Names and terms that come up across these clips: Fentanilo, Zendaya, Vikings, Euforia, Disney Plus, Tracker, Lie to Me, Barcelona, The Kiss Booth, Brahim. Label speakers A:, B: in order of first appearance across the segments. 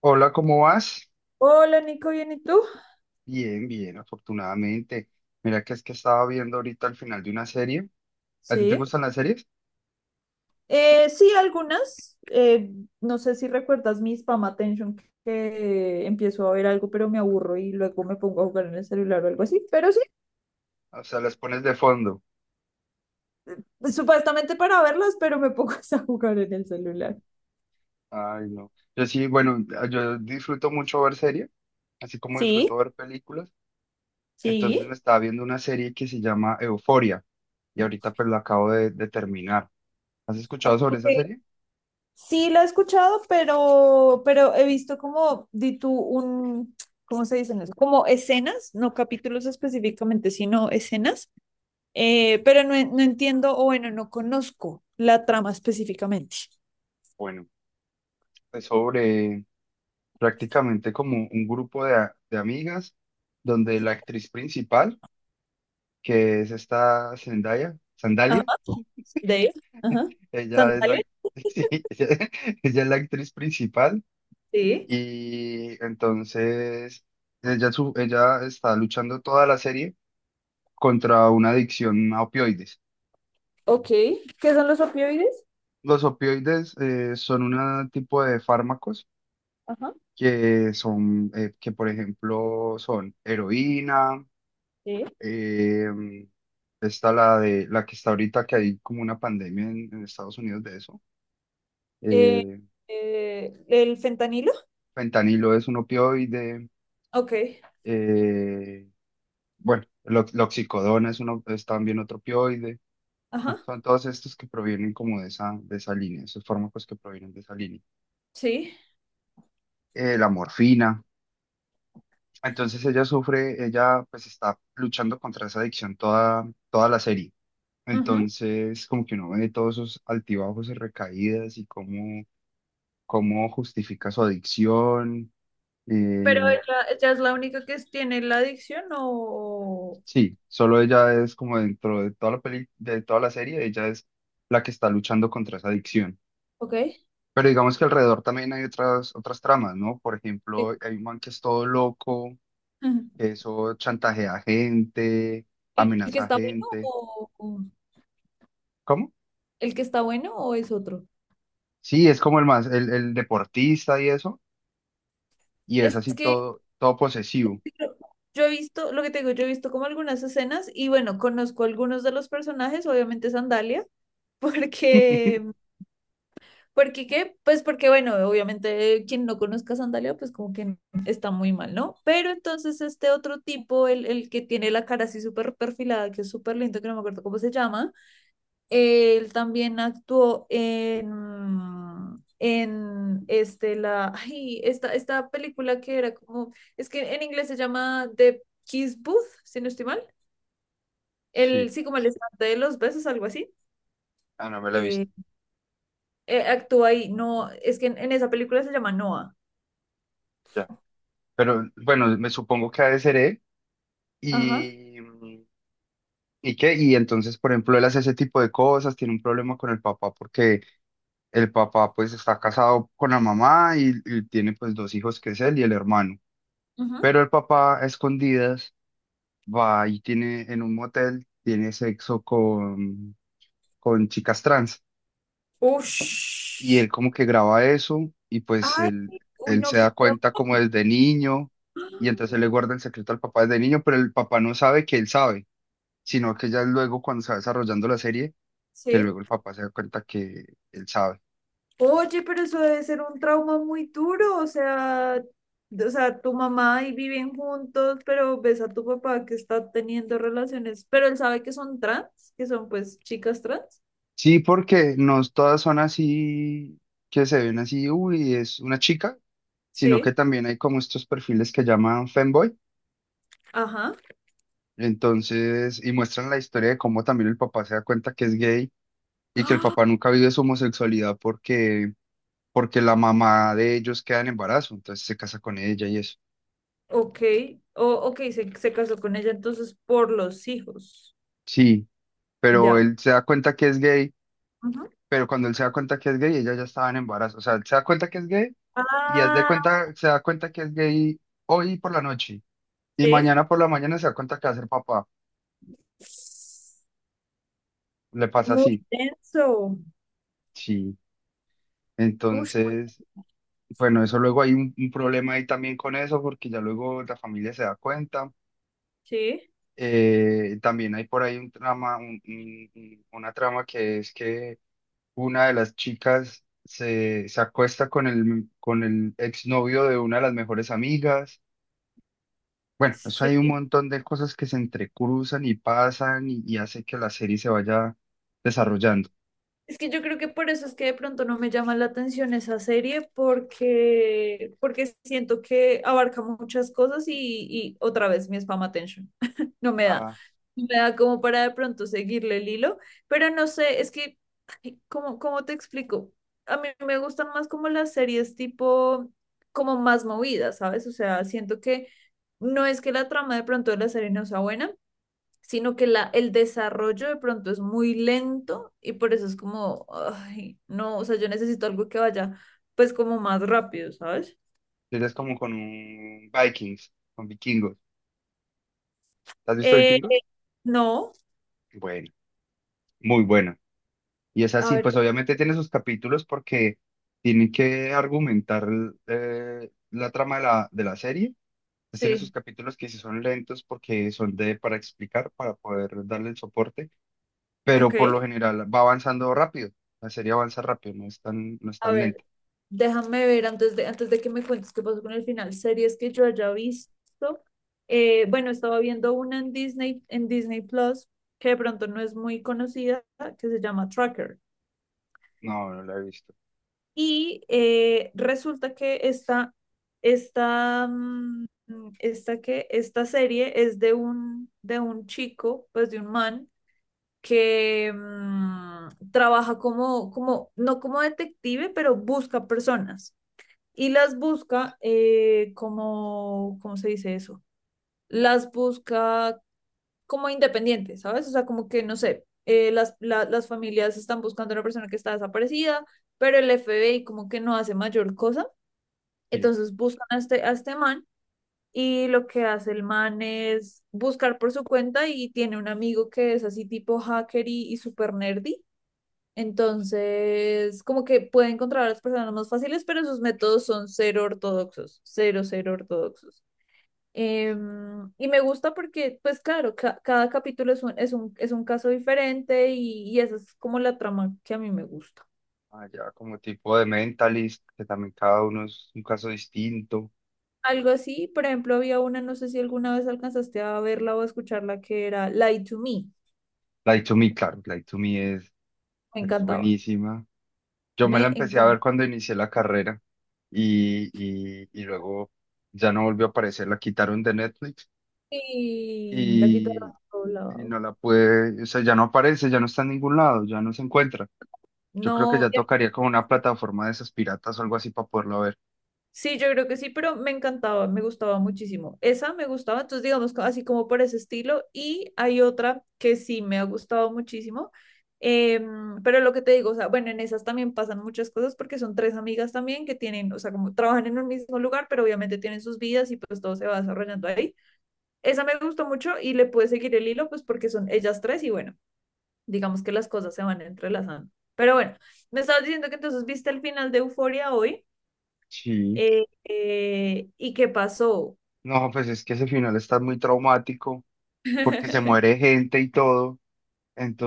A: Hola, ¿cómo vas?
B: Hola Nico, ¿bien y tú?
A: Bien, bien, afortunadamente. Mira que es que estaba viendo ahorita al final de una serie. ¿A ti te
B: Sí.
A: gustan las series?
B: Sí, algunas. No sé si recuerdas mi spam attention, que empiezo a ver algo, pero me aburro y luego me pongo a jugar en el celular o algo así. Pero sí,
A: O sea, las pones de fondo.
B: supuestamente para verlas, pero me pongo a jugar en el celular.
A: Ay, no. Yo sí, bueno, yo disfruto mucho ver series, así como
B: Sí.
A: disfruto ver películas. Entonces me
B: Sí.
A: estaba viendo una serie que se llama Euforia y ahorita pues la acabo de terminar. ¿Has escuchado sobre esa
B: Ok.
A: serie?
B: Sí, la he escuchado, pero he visto como, di tú, un, ¿cómo se dicen eso? Como escenas, no capítulos específicamente, sino escenas, pero no, no entiendo, o bueno, no conozco la trama específicamente.
A: Bueno, es sobre prácticamente como un grupo de amigas donde la actriz principal que es esta Zendaya,
B: Ajá.
A: Sandalia.
B: De ahí. Ajá.
A: Ella es
B: ¿Sandalia?
A: la, sí, ella es la actriz principal
B: Sí.
A: y entonces ella está luchando toda la serie contra una adicción a opioides.
B: Ok. ¿Qué son los opioides?
A: Los opioides son un tipo de fármacos
B: Ajá.
A: que son, que por ejemplo son heroína,
B: Sí.
A: em, está la de la que está ahorita que hay como una pandemia en Estados Unidos de eso.
B: Eh,
A: eh,
B: ¿El fentanilo?
A: Fentanilo es un opioide.
B: Ok.
A: eh, bueno, lo- loxicodona es, uno, es también otro opioide. Bueno,
B: Ajá.
A: son todos estos que provienen como de esa línea, esos fármacos que provienen de esa línea.
B: Sí.
A: La morfina. Entonces ella sufre, ella pues está luchando contra esa adicción toda, toda la serie.
B: Ajá.
A: Entonces como que uno ve todos esos altibajos y recaídas y cómo, cómo justifica su adicción.
B: ¿Pero
A: eh,
B: ella es la única que tiene la adicción o...?
A: Sí, solo ella es como dentro de toda la peli, de toda la serie, ella es la que está luchando contra esa adicción.
B: Ok.
A: Pero digamos que alrededor también hay otras, otras tramas, ¿no? Por ejemplo, hay un man que es todo loco, que eso chantajea a gente,
B: El que
A: amenaza a
B: está bueno
A: gente.
B: o o-
A: ¿Cómo?
B: el que está bueno o es otro?
A: Sí, es como el más, el deportista y eso, y es
B: Es
A: así
B: que
A: todo, todo posesivo.
B: Yo yo he visto, lo que te digo, yo he visto como algunas escenas y bueno, conozco algunos de los personajes, obviamente Sandalia, porque, porque qué, pues porque bueno, obviamente quien no conozca a Sandalia, pues como que está muy mal, ¿no? Pero entonces este otro tipo, el que tiene la cara así súper perfilada, que es súper lindo, que no me acuerdo cómo se llama, él también actuó en este, la, ay, esta película que era como, es que en inglés se llama The Kiss Booth, si no estoy mal.
A: Sí,
B: El, sí, como el estante de los besos, algo así.
A: ah, no me la he visto,
B: Eh, actúa ahí, no, es que en esa película se llama Noah.
A: ya. Pero bueno, me supongo que ha de ser él.
B: Ajá.
A: Y, ¿y qué? Y entonces, por ejemplo, él hace ese tipo de cosas, tiene un problema con el papá porque el papá pues está casado con la mamá y tiene pues dos hijos que es él y el hermano.
B: Ujú.
A: Pero el papá a escondidas va y tiene en un motel, tiene sexo con chicas trans y
B: Ush.
A: él como que graba eso y pues
B: Ay,
A: él,
B: uy,
A: él
B: no,
A: se
B: qué
A: da
B: trauma.
A: cuenta como desde niño y entonces él le guarda el secreto al papá desde niño, pero el papá no sabe que él sabe, sino que ya luego cuando se va desarrollando la serie que
B: Sí.
A: luego el papá se da cuenta que él sabe.
B: Oye, pero eso debe ser un trauma muy duro, o sea, tu mamá y viven juntos, pero ves a tu papá que está teniendo relaciones, pero él sabe que son trans, que son pues chicas trans.
A: Sí, porque no todas son así, que se ven así, uy, es una chica, sino que
B: Sí,
A: también hay como estos perfiles que llaman femboy,
B: ajá.
A: entonces, y muestran la historia de cómo también el papá se da cuenta que es gay y que el
B: Ah,
A: papá nunca vive su homosexualidad porque, porque la mamá de ellos queda en embarazo, entonces se casa con ella y eso.
B: ok, o, ok, se casó con ella entonces por los hijos.
A: Sí, pero
B: Ya.
A: él se da cuenta que es gay,
B: Ujú.
A: pero cuando él se da cuenta que es gay, ella ya estaba en embarazo, o sea, él se da cuenta que es gay y haz de
B: Ah,
A: cuenta, se da cuenta que es gay hoy por la noche y
B: sí.
A: mañana por la mañana se da cuenta que va a ser papá. Le pasa
B: Muy
A: así,
B: denso.
A: sí.
B: Ush, muy-
A: Entonces, bueno, eso luego hay un problema ahí también con eso porque ya luego la familia se da cuenta.
B: sí,
A: También hay por ahí un trama, una trama que es que una de las chicas se, se acuesta con el exnovio de una de las mejores amigas. Bueno, eso hay un
B: sí.
A: montón de cosas que se entrecruzan y pasan y hace que la serie se vaya desarrollando.
B: Es que yo creo que por eso es que de pronto no me llama la atención esa serie, porque, porque siento que abarca muchas cosas y otra vez mi spam attention. No me da.
A: Ah,
B: No me da como para de pronto seguirle el hilo, pero no sé, es que, ay, ¿cómo, cómo te explico? A mí me gustan más como las series tipo, como más movidas, ¿sabes? O sea, siento que no es que la trama de pronto de la serie no sea buena, sino que la, el desarrollo de pronto es muy lento y por eso es como, ay, no, o sea, yo necesito algo que vaya pues como más rápido, ¿sabes?
A: es como con un Vikings, con vikingos. ¿Has visto
B: Eh,
A: vikingos?
B: no,
A: Bueno, muy bueno. Y es
B: a
A: así,
B: ver,
A: pues obviamente tiene sus capítulos porque tiene que argumentar la trama de la serie. Pues tiene sus
B: sí,
A: capítulos que sí son lentos porque son de para explicar, para poder darle el soporte,
B: ok,
A: pero por lo general va avanzando rápido. La serie avanza rápido, no es tan, no es
B: a
A: tan lenta.
B: ver, déjame ver antes de que me cuentes qué pasó con el final, series que yo haya visto, bueno, estaba viendo una en Disney Plus, que de pronto no es muy conocida, que se llama Tracker.
A: No, no la he visto.
B: Y resulta que esta, esta, que, esta serie es de un chico, pues de un man, que trabaja como, como, no como detective, pero busca personas. Y las busca como, ¿cómo se dice eso? Las busca como independientes, ¿sabes? O sea, como que, no sé, las, la- las familias están buscando a una persona que está desaparecida, pero el FBI como que no hace mayor cosa.
A: Sí.
B: Entonces buscan a este man y lo que hace el man es buscar por su cuenta y tiene un amigo que es así tipo hacker y super nerdy. Entonces, como que puede encontrar a las personas más fáciles, pero sus métodos son cero ortodoxos, cero, cero ortodoxos. Em, y me gusta porque, pues claro, ca- cada capítulo es un, es un, es un caso diferente y esa es como la trama que a mí me gusta.
A: Allá como tipo de Mentalist, que también cada uno es un caso distinto.
B: Algo así, por ejemplo, había una, no sé si alguna vez alcanzaste a verla o a escucharla, que era Lie to Me.
A: Light to Me, claro, Light to Me
B: Me
A: es
B: encantaba.
A: buenísima. Yo me la
B: Me
A: empecé a
B: encantaba.
A: ver cuando inicié la carrera y, y luego ya no volvió a aparecer, la quitaron de Netflix
B: Y la guitarra
A: y, y
B: doblada.
A: no la pude, o sea, ya no aparece, ya no está en ningún lado, ya no se encuentra. Yo creo que
B: No,
A: ya tocaría como una plataforma de esas piratas o algo así para poderla ver.
B: sí, yo creo que sí, pero me encantaba, me gustaba muchísimo. Esa me gustaba, entonces digamos co- así como por ese estilo. Y hay otra que sí me ha gustado muchísimo. Pero lo que te digo, o sea, bueno, en esas también pasan muchas cosas porque son tres amigas también que tienen, o sea, como trabajan en un mismo lugar, pero obviamente tienen sus vidas y pues todo se va desarrollando ahí. Esa me gustó mucho y le pude seguir el hilo, pues porque son ellas tres y bueno, digamos que las cosas se van entrelazando. Pero bueno, me estabas diciendo que entonces viste el final de Euforia hoy,
A: Sí.
B: y qué pasó.
A: No, pues es que ese final está muy traumático porque se muere gente y todo.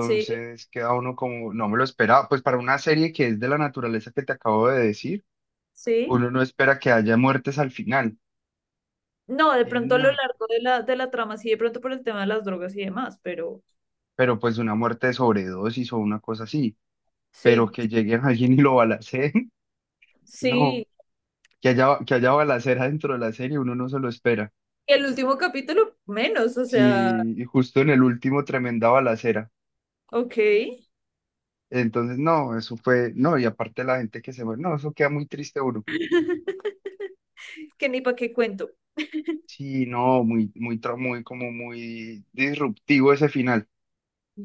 B: Sí,
A: queda uno como, no me lo esperaba. Pues para una serie que es de la naturaleza que te acabo de decir,
B: sí.
A: uno no espera que haya muertes al final.
B: No, de
A: Y
B: pronto a lo
A: no,
B: largo de la trama, sí, de pronto por el tema de las drogas y demás, pero
A: pero pues una muerte de sobredosis o una cosa así. Pero
B: sí,
A: que lleguen a alguien y lo balacen, no.
B: sí.
A: Que haya balacera dentro de la serie, uno no se lo espera.
B: Y el último capítulo, menos, o sea,
A: Sí, y justo en el último, tremenda balacera.
B: ok,
A: Entonces, no, eso fue, no, y aparte la gente que se muere, no, eso queda muy triste uno.
B: que ni para qué cuento.
A: Sí, no, muy, muy, tra- muy, como muy disruptivo ese final.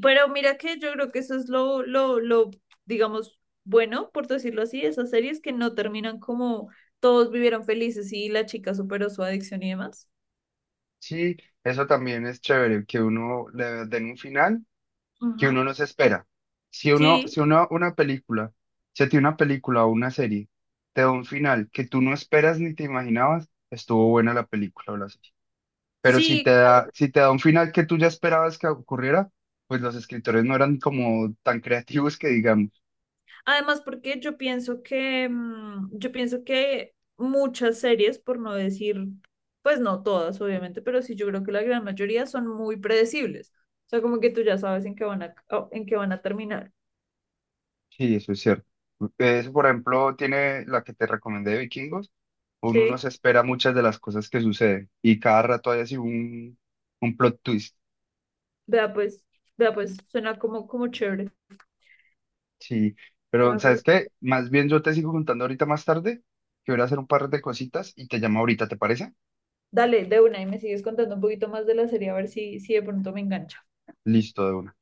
B: Pero mira que yo creo que eso es lo, digamos, bueno, por decirlo así, esas series que no terminan como todos vivieron felices y la chica superó su adicción y demás.
A: Sí, eso también es chévere, que uno le den un final que
B: Ujú.
A: uno no se espera. Si uno,
B: Sí,
A: si uno, una película, si a ti una película o una serie te da un final que tú no esperas ni te imaginabas, estuvo buena la película o la serie. Pero si te
B: sí.
A: da, si te da un final que tú ya esperabas que ocurriera, pues los escritores no eran como tan creativos que digamos.
B: Además, porque yo pienso que, yo pienso que muchas series, por no decir, pues no todas, obviamente, pero sí yo creo que la gran mayoría son muy predecibles. O sea, como que tú ya sabes en qué van a, en qué van a terminar.
A: Sí, eso es cierto. Eso, por ejemplo, tiene la que te recomendé de Vikingos, uno no
B: Sí,
A: se espera muchas de las cosas que suceden y cada rato hay así un plot twist.
B: vea pues, vea pues, suena como, como chévere.
A: Sí, pero
B: Suena como.
A: ¿sabes qué? Más bien yo te sigo contando ahorita más tarde, que voy a ir a hacer un par de cositas y te llamo ahorita, ¿te parece?
B: Dale, de una, y me sigues contando un poquito más de la serie, a ver si, si de pronto me engancho.
A: Listo, de una.